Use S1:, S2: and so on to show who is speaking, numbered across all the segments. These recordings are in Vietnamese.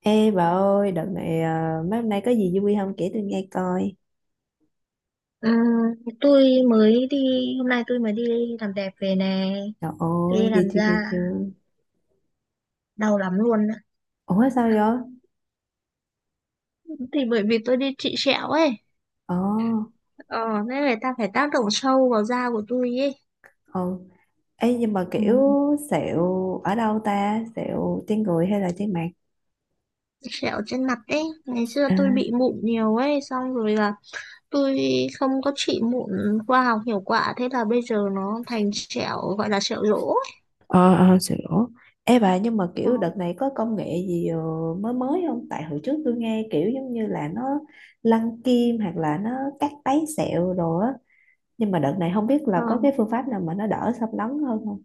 S1: Ê bà ơi, đợt này à, mấy hôm nay có gì vui không kể tôi nghe coi.
S2: Ừ, tôi mới đi hôm nay tôi mới đi làm đẹp về nè.
S1: Trời
S2: Tôi đi
S1: ơi, ghê
S2: làm
S1: chưa
S2: da
S1: ghê chưa.
S2: đau lắm luôn á.
S1: Ủa sao vậy?
S2: Thì bởi vì tôi đi trị sẹo ấy,
S1: Ồ,
S2: ờ nên người ta phải tác động sâu vào da của tôi ấy.
S1: ồ. Ê nhưng mà
S2: Ừ.
S1: kiểu sẹo ở đâu ta? Sẹo trên người hay là trên mặt?
S2: Sẹo trên mặt ấy, ngày xưa
S1: À,
S2: tôi bị mụn nhiều ấy, xong rồi là tôi không có trị mụn khoa học hiệu quả, thế là bây giờ nó thành sẹo gọi là sẹo rỗ.
S1: ờ ờ sẹo. Ê bà nhưng mà
S2: Ờ,
S1: kiểu đợt này có công nghệ gì mới mới không? Tại hồi trước tôi nghe kiểu giống như là nó lăn kim hoặc là nó cắt tấy sẹo rồi á. Nhưng mà đợt này không biết
S2: ờ.
S1: là có cái phương pháp nào mà nó đỡ xâm lấn hơn không?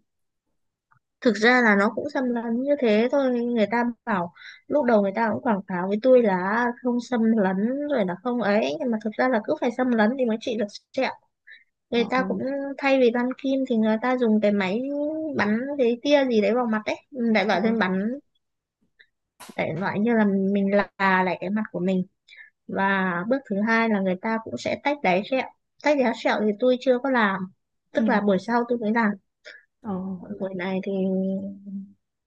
S2: Thực ra là nó cũng xâm lấn như thế thôi, người ta bảo lúc đầu người ta cũng quảng cáo với tôi là không xâm lấn rồi là không ấy, nhưng mà thực ra là cứ phải xâm lấn thì mới trị được sẹo. Người
S1: Trời
S2: ta
S1: ơi.
S2: cũng thay vì băng kim thì người ta dùng cái máy bắn cái tia gì đấy vào mặt đấy, đại
S1: Ờ.
S2: loại lên bắn, đại loại như là mình là lại cái mặt của mình. Và bước thứ hai là người ta cũng sẽ tách đáy sẹo. Tách đáy sẹo thì tôi chưa có làm, tức là
S1: Ừ.
S2: buổi sau tôi mới làm.
S1: Ờ.
S2: Còn buổi này thì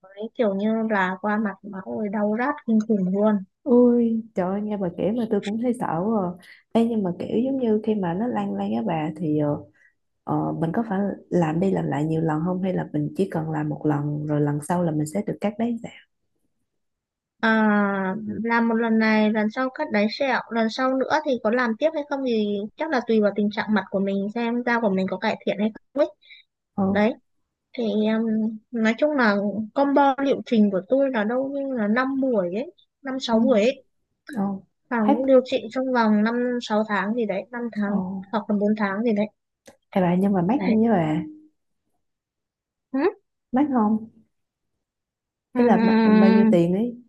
S2: ấy kiểu như là qua mặt máu rồi đau rát kinh khủng luôn.
S1: Ôi trời ơi, nghe bà kể mà tôi cũng thấy sợ quá à. Ê, nhưng mà kiểu giống như khi mà nó lan lan á bà thì mình có phải làm đi làm lại nhiều lần không hay là mình chỉ cần làm một lần rồi lần sau là mình sẽ được cắt đấy dạ.
S2: À, làm một lần này, lần sau cắt đáy sẹo, lần sau nữa thì có làm tiếp hay không thì chắc là tùy vào tình trạng mặt của mình, xem da của mình có cải thiện hay không ấy.
S1: Ờ.
S2: Đấy, thì nói chung là combo liệu trình của tôi là đâu như là 5 buổi ấy, năm
S1: Ừ.
S2: sáu buổi ấy,
S1: Ờ.
S2: và
S1: Hết.
S2: cũng điều trị trong vòng 5-6 tháng gì đấy, 5 tháng,
S1: Ờ.
S2: hoặc là 4 tháng gì đấy.
S1: Ê bà nhưng mà mắc
S2: Đấy.
S1: không với bà,
S2: Ừ.
S1: mắc không
S2: Ừ.
S1: hay là bao nhiêu tiền ấy.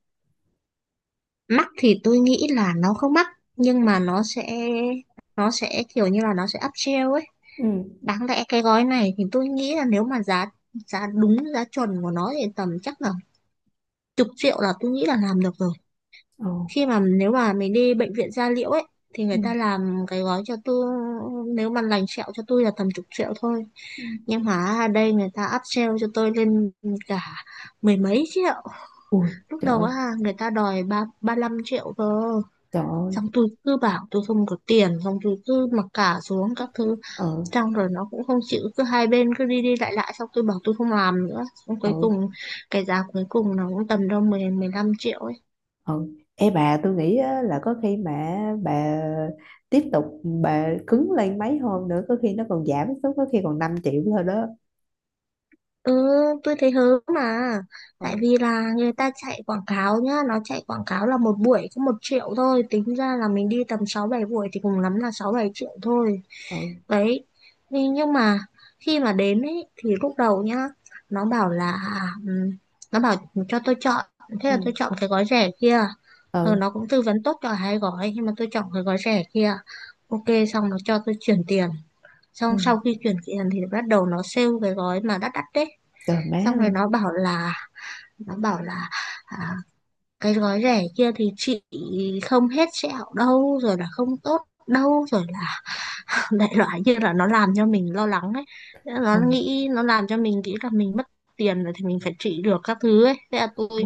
S2: Mắc thì tôi nghĩ là nó không mắc, nhưng mà nó sẽ kiểu như là nó sẽ up upsell ấy.
S1: Ừ.
S2: Đáng lẽ cái gói này thì tôi nghĩ là nếu mà giá giá đúng giá chuẩn của nó thì tầm chắc là chục triệu là tôi nghĩ là làm được rồi.
S1: Ờ.
S2: Khi mà nếu mà mình đi bệnh viện da liễu ấy thì người
S1: Ừ.
S2: ta làm cái gói cho tôi, nếu mà lành sẹo cho tôi là tầm chục triệu thôi.
S1: Ừ.
S2: Nhưng mà ở đây người ta up upsell cho tôi lên cả mười mấy triệu.
S1: Ui,
S2: Lúc
S1: trời
S2: đầu
S1: ơi,
S2: á người ta đòi ba ba lăm triệu cơ.
S1: trời ơi.
S2: Xong tôi cứ bảo tôi không có tiền, xong tôi cứ mặc cả xuống các thứ,
S1: Ờ.
S2: xong rồi nó cũng không chịu, cứ hai bên cứ đi đi lại lại, xong tôi bảo tôi không làm nữa, xong
S1: Ờ.
S2: cuối cùng cái giá cuối cùng nó cũng tầm đâu 10-15 triệu ấy.
S1: Ừ. Ê bà tôi nghĩ á, là có khi mà bà tiếp tục bà cứng lên mấy hôm nữa có khi nó còn giảm xuống, có khi còn 5 triệu thôi đó.
S2: Ừ, tôi thấy hớ mà. Tại
S1: Ừ.
S2: vì là người ta chạy quảng cáo nhá, nó chạy quảng cáo là một buổi có 1 triệu thôi, tính ra là mình đi tầm 6-7 buổi thì cùng lắm là 6-7 triệu thôi.
S1: Ừ.
S2: Đấy. Nhưng mà khi mà đến ấy thì lúc đầu nhá nó bảo là, ừm, nó bảo cho tôi chọn, thế là
S1: Ừ.
S2: tôi chọn cái gói rẻ kia. Ờ, nó
S1: Ừ.
S2: cũng tư vấn tốt cho hai gói nhưng mà tôi chọn cái gói rẻ kia. OK, xong nó cho tôi chuyển tiền,
S1: Ừ.
S2: xong sau khi chuyển tiền thì bắt đầu nó sale cái gói mà đắt đắt đấy.
S1: Trời má
S2: Xong
S1: ơi.
S2: rồi nó bảo là, à, cái gói rẻ kia thì chị không hết sẹo đâu, rồi là không tốt đâu, rồi đại loại như là nó làm cho mình lo lắng ấy.
S1: Ừ.
S2: Nó nghĩ, nó làm cho mình nghĩ là mình mất tiền rồi thì mình phải trị được các thứ ấy. Thế là
S1: Ừ.
S2: tôi,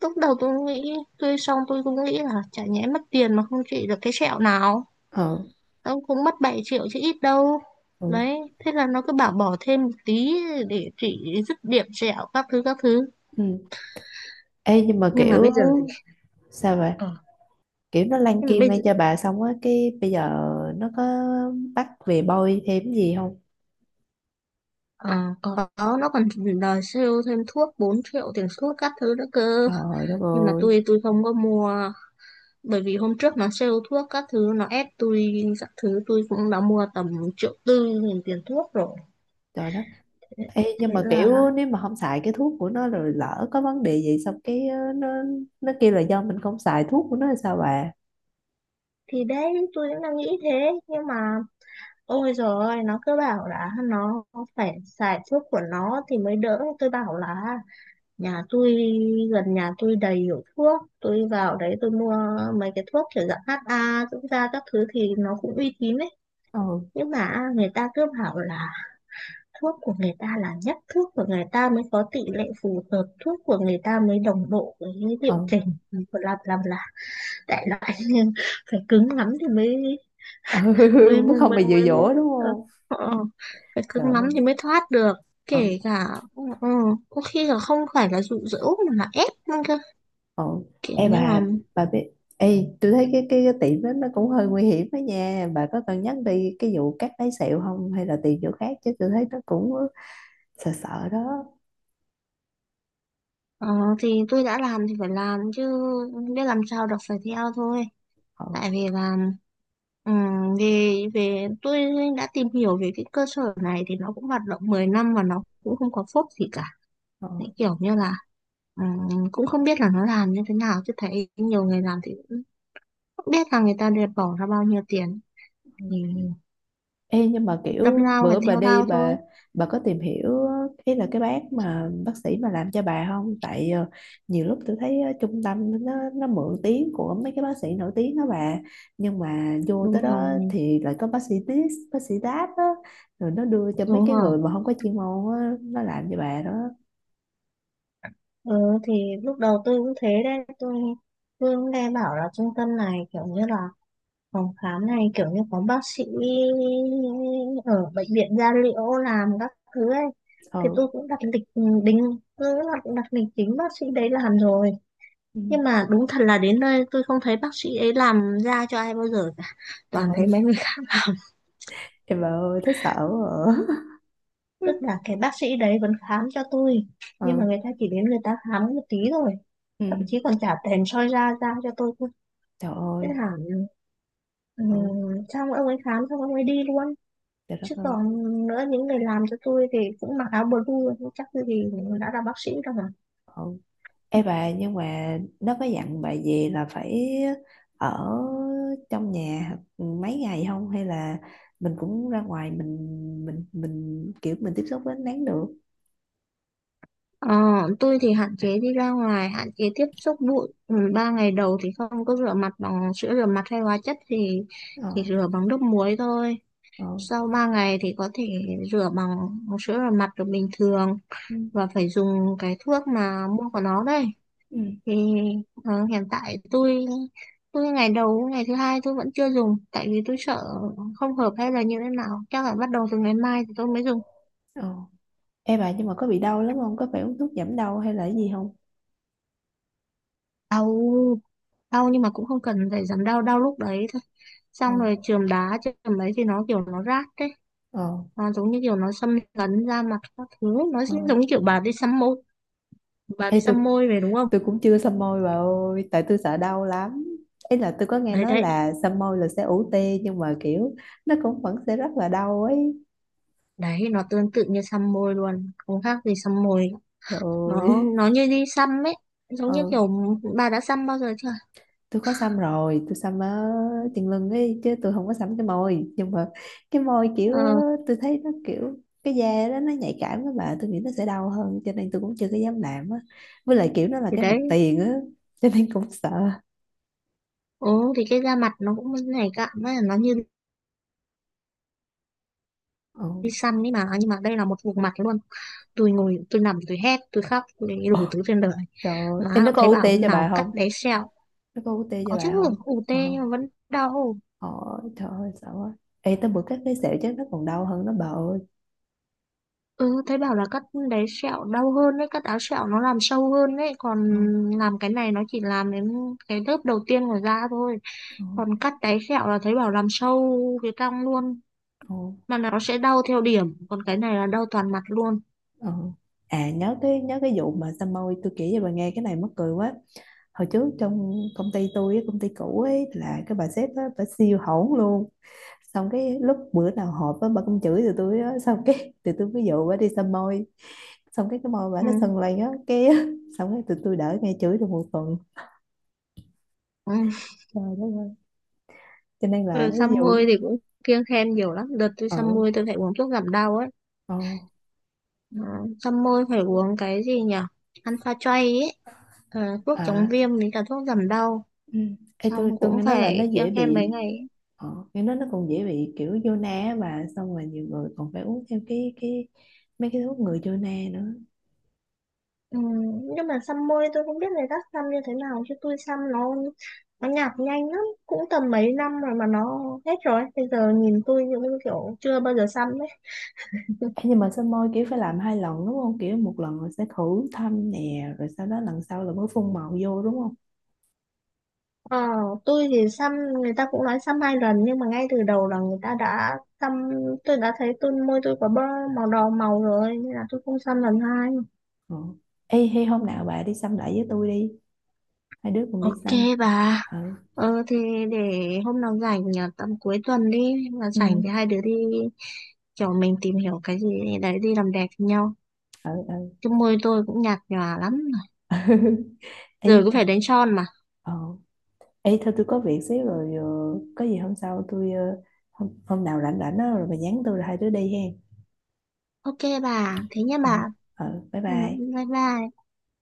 S2: lúc đầu tôi nghĩ tôi, xong tôi cũng nghĩ là chả nhẽ mất tiền mà không trị được cái sẹo nào.
S1: Ừ.
S2: Nó cũng mất 7 triệu chứ ít đâu.
S1: Ừ.
S2: Đấy, thế là nó cứ bảo bỏ thêm một tí để trị dứt điểm sẹo các thứ các thứ.
S1: Ừ. Ê nhưng mà
S2: Nhưng mà
S1: kiểu
S2: bây giờ thì,
S1: sao vậy,
S2: ờ,
S1: kiểu nó lan
S2: nhưng mà
S1: kim
S2: bây
S1: lên
S2: giờ
S1: cho bà xong á cái bây giờ nó có bắt về bôi thêm gì không?
S2: ờ, có, nó còn đòi sale thêm thuốc 4 triệu tiền thuốc các thứ nữa cơ.
S1: Trời đất
S2: Nhưng mà
S1: ơi.
S2: tôi không có mua, bởi vì hôm trước nó sale thuốc các thứ nó ép tôi các thứ, tôi cũng đã mua tầm triệu tư nghìn tiền thuốc rồi.
S1: Trời đất. Ê, nhưng
S2: Thế
S1: mà
S2: là,
S1: kiểu nếu mà không xài cái thuốc của nó rồi lỡ có vấn đề gì xong cái nó kêu là do mình không xài thuốc của nó là sao bà?
S2: thì đấy tôi cũng đang nghĩ thế. Nhưng mà ôi giời ơi, nó cứ bảo là nó phải xài thuốc của nó thì mới đỡ. Tôi bảo là nhà tôi gần nhà tôi đầy hiệu thuốc, tôi vào đấy tôi mua mấy cái thuốc kiểu dạng HA dưỡng da các thứ thì nó cũng uy tín ấy.
S1: Ừ.
S2: Nhưng mà người ta cứ bảo là thuốc của người ta là nhất, thuốc của người ta mới có tỷ lệ phù hợp, thuốc của người ta mới đồng bộ với liệu
S1: Ừ.
S2: trình. Làm là đại loại nhưng phải cứng lắm thì mới,
S1: Ừ.
S2: mới
S1: mới
S2: mới
S1: không
S2: mới
S1: bị dụ
S2: mới, mới
S1: dỗ đúng
S2: ờ,
S1: không?
S2: ờ, ờ, phải
S1: Trời
S2: cứng lắm
S1: ơi.
S2: thì mới thoát được.
S1: Ừ.
S2: Kể cả, ừ, có khi là không phải là dụ dỗ mà là ép nữa cơ,
S1: Ừ.
S2: kiểu
S1: Ê
S2: như là,
S1: bà biết ê tôi thấy cái tiệm đó nó cũng hơi nguy hiểm đó nha, bà có cần nhắc đi cái vụ cắt lấy sẹo không hay là tìm chỗ khác, chứ tôi thấy nó cũng sợ sợ đó.
S2: ờ, thì tôi đã làm thì phải làm chứ, biết làm sao được, phải theo thôi.
S1: Ừ.
S2: Tại vì là, về về tôi đã tìm hiểu về cái cơ sở này thì nó cũng hoạt động 10 năm mà nó cũng không có phốt gì cả. Đấy,
S1: Ừ.
S2: kiểu như là, cũng không biết là nó làm như thế nào chứ thấy nhiều người làm thì cũng không biết là người ta đều bỏ ra bao nhiêu tiền.
S1: Ừ.
S2: Thì
S1: Ê, nhưng mà
S2: đâm
S1: kiểu
S2: lao phải
S1: bữa bà
S2: theo
S1: đi
S2: lao thôi.
S1: bà có tìm hiểu ý là cái bác mà bác sĩ mà làm cho bà không? Tại nhiều lúc tôi thấy trung tâm nó mượn tiếng của mấy cái bác sĩ nổi tiếng đó bà, nhưng mà vô tới
S2: Đúng
S1: đó
S2: rồi.
S1: thì lại có bác sĩ this bác sĩ that á, rồi nó đưa cho mấy
S2: Đúng
S1: cái
S2: rồi.
S1: người mà không có chuyên môn á nó làm cho bà đó.
S2: Ừ, thì lúc đầu tôi cũng thế đấy, tôi cũng nghe bảo là trung tâm này kiểu như là phòng khám này kiểu như có bác sĩ ở bệnh viện da liễu làm các thứ ấy, thì
S1: Ừ.
S2: tôi cũng đặt lịch. Ừ, đính, tôi cũng đặt lịch chính bác sĩ đấy làm rồi.
S1: Ừ.
S2: Nhưng mà đúng thật là đến nơi tôi không thấy bác sĩ ấy làm da cho ai bao giờ cả,
S1: Trời
S2: toàn thấy
S1: ơi,
S2: mấy người khác.
S1: em bà ơi thấy sợ quá à.
S2: Tức là cái bác sĩ đấy vẫn khám cho tôi, nhưng mà
S1: Ừ.
S2: người ta chỉ đến người ta khám một tí thôi, thậm
S1: Ừ.
S2: chí còn trả tiền soi da da cho tôi thôi.
S1: Trời
S2: Thế
S1: ơi.
S2: là, ừ,
S1: Ừ.
S2: xong ông ấy khám xong ông ấy đi luôn.
S1: Trời đất
S2: Chứ
S1: ơi.
S2: còn nữa, những người làm cho tôi thì cũng mặc áo blue, nhưng chắc tôi thì đã là bác sĩ đâu mà.
S1: Ừ. Ê bà nhưng mà nó có dặn bà gì là phải ở trong nhà mấy ngày không hay là mình cũng ra ngoài mình mình kiểu mình tiếp xúc với ánh nắng được?
S2: Ờ, tôi thì hạn chế đi ra ngoài, hạn chế tiếp xúc bụi. Ừ, ba ngày đầu thì không có rửa mặt bằng sữa rửa mặt hay hóa chất,
S1: Ờ.
S2: thì rửa bằng nước muối thôi.
S1: Ờ.
S2: Sau 3 ngày thì có thể rửa bằng sữa rửa mặt được bình thường,
S1: Ừ.
S2: và phải dùng cái thuốc mà mua của nó đây.
S1: Ừ.
S2: Thì ờ, hiện tại tôi ngày đầu ngày thứ hai tôi vẫn chưa dùng, tại vì tôi sợ không hợp hay là như thế nào, chắc là bắt đầu từ ngày mai thì tôi mới dùng.
S1: Ờ. Ê bà nhưng mà có bị đau lắm không, có phải uống thuốc giảm đau hay là cái gì không?
S2: Đau, nhưng mà cũng không cần phải giảm đau, đau lúc đấy thôi,
S1: Ờ.
S2: xong rồi chườm đá. Chườm ấy thì nó kiểu nó rát đấy,
S1: Ờ.
S2: nó giống như kiểu nó xâm lấn da mặt các thứ, nó
S1: Ờ.
S2: giống như kiểu bà đi xăm môi,
S1: Ê tôi
S2: về, đúng không.
S1: tôi cũng chưa xăm môi bà ơi, tại tôi sợ đau lắm. Ý là tôi có nghe
S2: đấy
S1: nói
S2: đấy
S1: là xăm môi là sẽ ủ tê nhưng mà kiểu nó cũng vẫn sẽ rất là đau ấy.
S2: đấy, nó tương tự như xăm môi luôn, không khác gì xăm môi.
S1: Trời
S2: nó
S1: ơi.
S2: nó như đi xăm ấy, giống như
S1: Ừ,
S2: kiểu, bà đã xăm bao giờ chưa.
S1: tôi có xăm rồi, tôi xăm ở chân lưng ấy chứ tôi không có xăm cái môi, nhưng mà cái môi kiểu
S2: Ờ,
S1: tôi thấy nó kiểu cái da đó nó nhạy cảm đó bà, tôi nghĩ nó sẽ đau hơn cho nên tôi cũng chưa có dám làm á, với lại kiểu nó là
S2: thì
S1: cái mặt
S2: đấy.
S1: tiền á cho nên cũng sợ.
S2: Ừ, thì cái da mặt nó cũng nhảy cạn đấy, nó như
S1: Ừ.
S2: đi xăm ấy mà, nhưng mà đây là một vùng mặt luôn. Tôi ngồi tôi nằm tôi hét tôi khóc tôi đủ thứ trên đời.
S1: Trời ơi. Ê,
S2: Má
S1: nó
S2: nó,
S1: có
S2: thấy
S1: u UT
S2: bảo
S1: cho bà
S2: nào cắt
S1: không,
S2: đáy sẹo.
S1: nó có u UT cho
S2: Có chứ,
S1: bà không?
S2: ù
S1: Ờ.
S2: tê nhưng mà vẫn đau.
S1: Ờ. Trời ơi sợ quá. Ê, tới bữa cắt cái sẹo chắc nó còn đau hơn nó bà ơi.
S2: Ừ, thấy bảo là cắt đáy sẹo đau hơn đấy, cắt áo sẹo nó làm sâu hơn đấy, còn
S1: Ờ.
S2: làm cái này nó chỉ làm đến cái lớp đầu tiên của da thôi,
S1: Ờ.
S2: còn cắt đáy sẹo là thấy bảo làm sâu cái cong luôn,
S1: Ờ.
S2: mà nó sẽ đau theo điểm, còn cái này là đau toàn mặt luôn.
S1: Ờ. À nhớ cái, nhớ cái vụ mà xăm môi tôi kể cho bà nghe cái này mắc cười quá. Hồi trước trong công ty cũ ấy là cái bà sếp á, bà siêu hỗn luôn, xong cái lúc bữa nào họp á bà cũng chửi tụi tôi á. Xong cái tụi tôi ví dụ bà đi xăm môi, xong cái môi bà
S2: Ừ.
S1: nó sần lên á cái xong cái tụi tôi đỡ nghe chửi được một tuần.
S2: Ừ.
S1: Trời đất ơi, cho nên là
S2: Rồi
S1: ví
S2: xăm
S1: dụ
S2: môi thì cũng kiêng khem nhiều lắm, đợt tôi
S1: ờ
S2: xăm môi tôi phải uống thuốc giảm đau ấy.
S1: ờ.
S2: Ừ. Xăm môi phải uống cái gì nhỉ, Alpha Tray ấy. Ờ, thuốc chống
S1: À.
S2: viêm với cả thuốc giảm đau,
S1: Ừ. Ê,
S2: xong
S1: tôi
S2: cũng
S1: nghe nói là
S2: phải
S1: nó
S2: kiêng
S1: dễ
S2: khem mấy
S1: bị,
S2: ngày ấy.
S1: nghe nói nó còn dễ bị kiểu vô na á bà, xong rồi nhiều người còn phải uống thêm cái mấy cái thuốc ngừa vô na nữa.
S2: Ừ. Nhưng mà xăm môi tôi không biết người khác xăm như thế nào chứ tôi xăm nó nhạt nhanh lắm, cũng tầm mấy năm rồi mà nó hết rồi, bây giờ nhìn tôi như kiểu chưa bao giờ xăm.
S1: Ê, nhưng mà soi môi kiểu phải làm hai lần đúng không? Kiểu một lần rồi sẽ khử thâm nè, rồi sau đó lần sau là mới phun màu vô đúng không?
S2: Ờ, tôi thì xăm, người ta cũng nói xăm hai lần nhưng mà ngay từ đầu là người ta đã xăm, tôi đã thấy tôi môi tôi có bơ màu đỏ màu rồi nên là tôi không xăm lần hai.
S1: Ừ. Ê, hay hôm nào bà đi xăm lại với tôi đi, hai đứa cùng đi
S2: OK
S1: xăm.
S2: bà.
S1: Ừ,
S2: Ờ thì để hôm nào rảnh, à, tầm cuối tuần đi là
S1: ừ,
S2: rảnh thì hai đứa đi, kiểu mình tìm hiểu cái gì đấy đi làm đẹp với nhau,
S1: ừ, ừ.
S2: chứ môi tôi cũng nhạt nhòa lắm rồi,
S1: Ê,
S2: giờ cũng phải đánh son mà.
S1: ờ. Ê, thôi tôi có việc xíu rồi, có gì hôm sau tôi, hôm nào rảnh rảnh đó, rồi bà nhắn tôi rồi hai đứa đi hen.
S2: OK bà, thế nhé
S1: Ờ,
S2: bà.
S1: ừ, bye
S2: Ừ,
S1: bye.
S2: bye bye.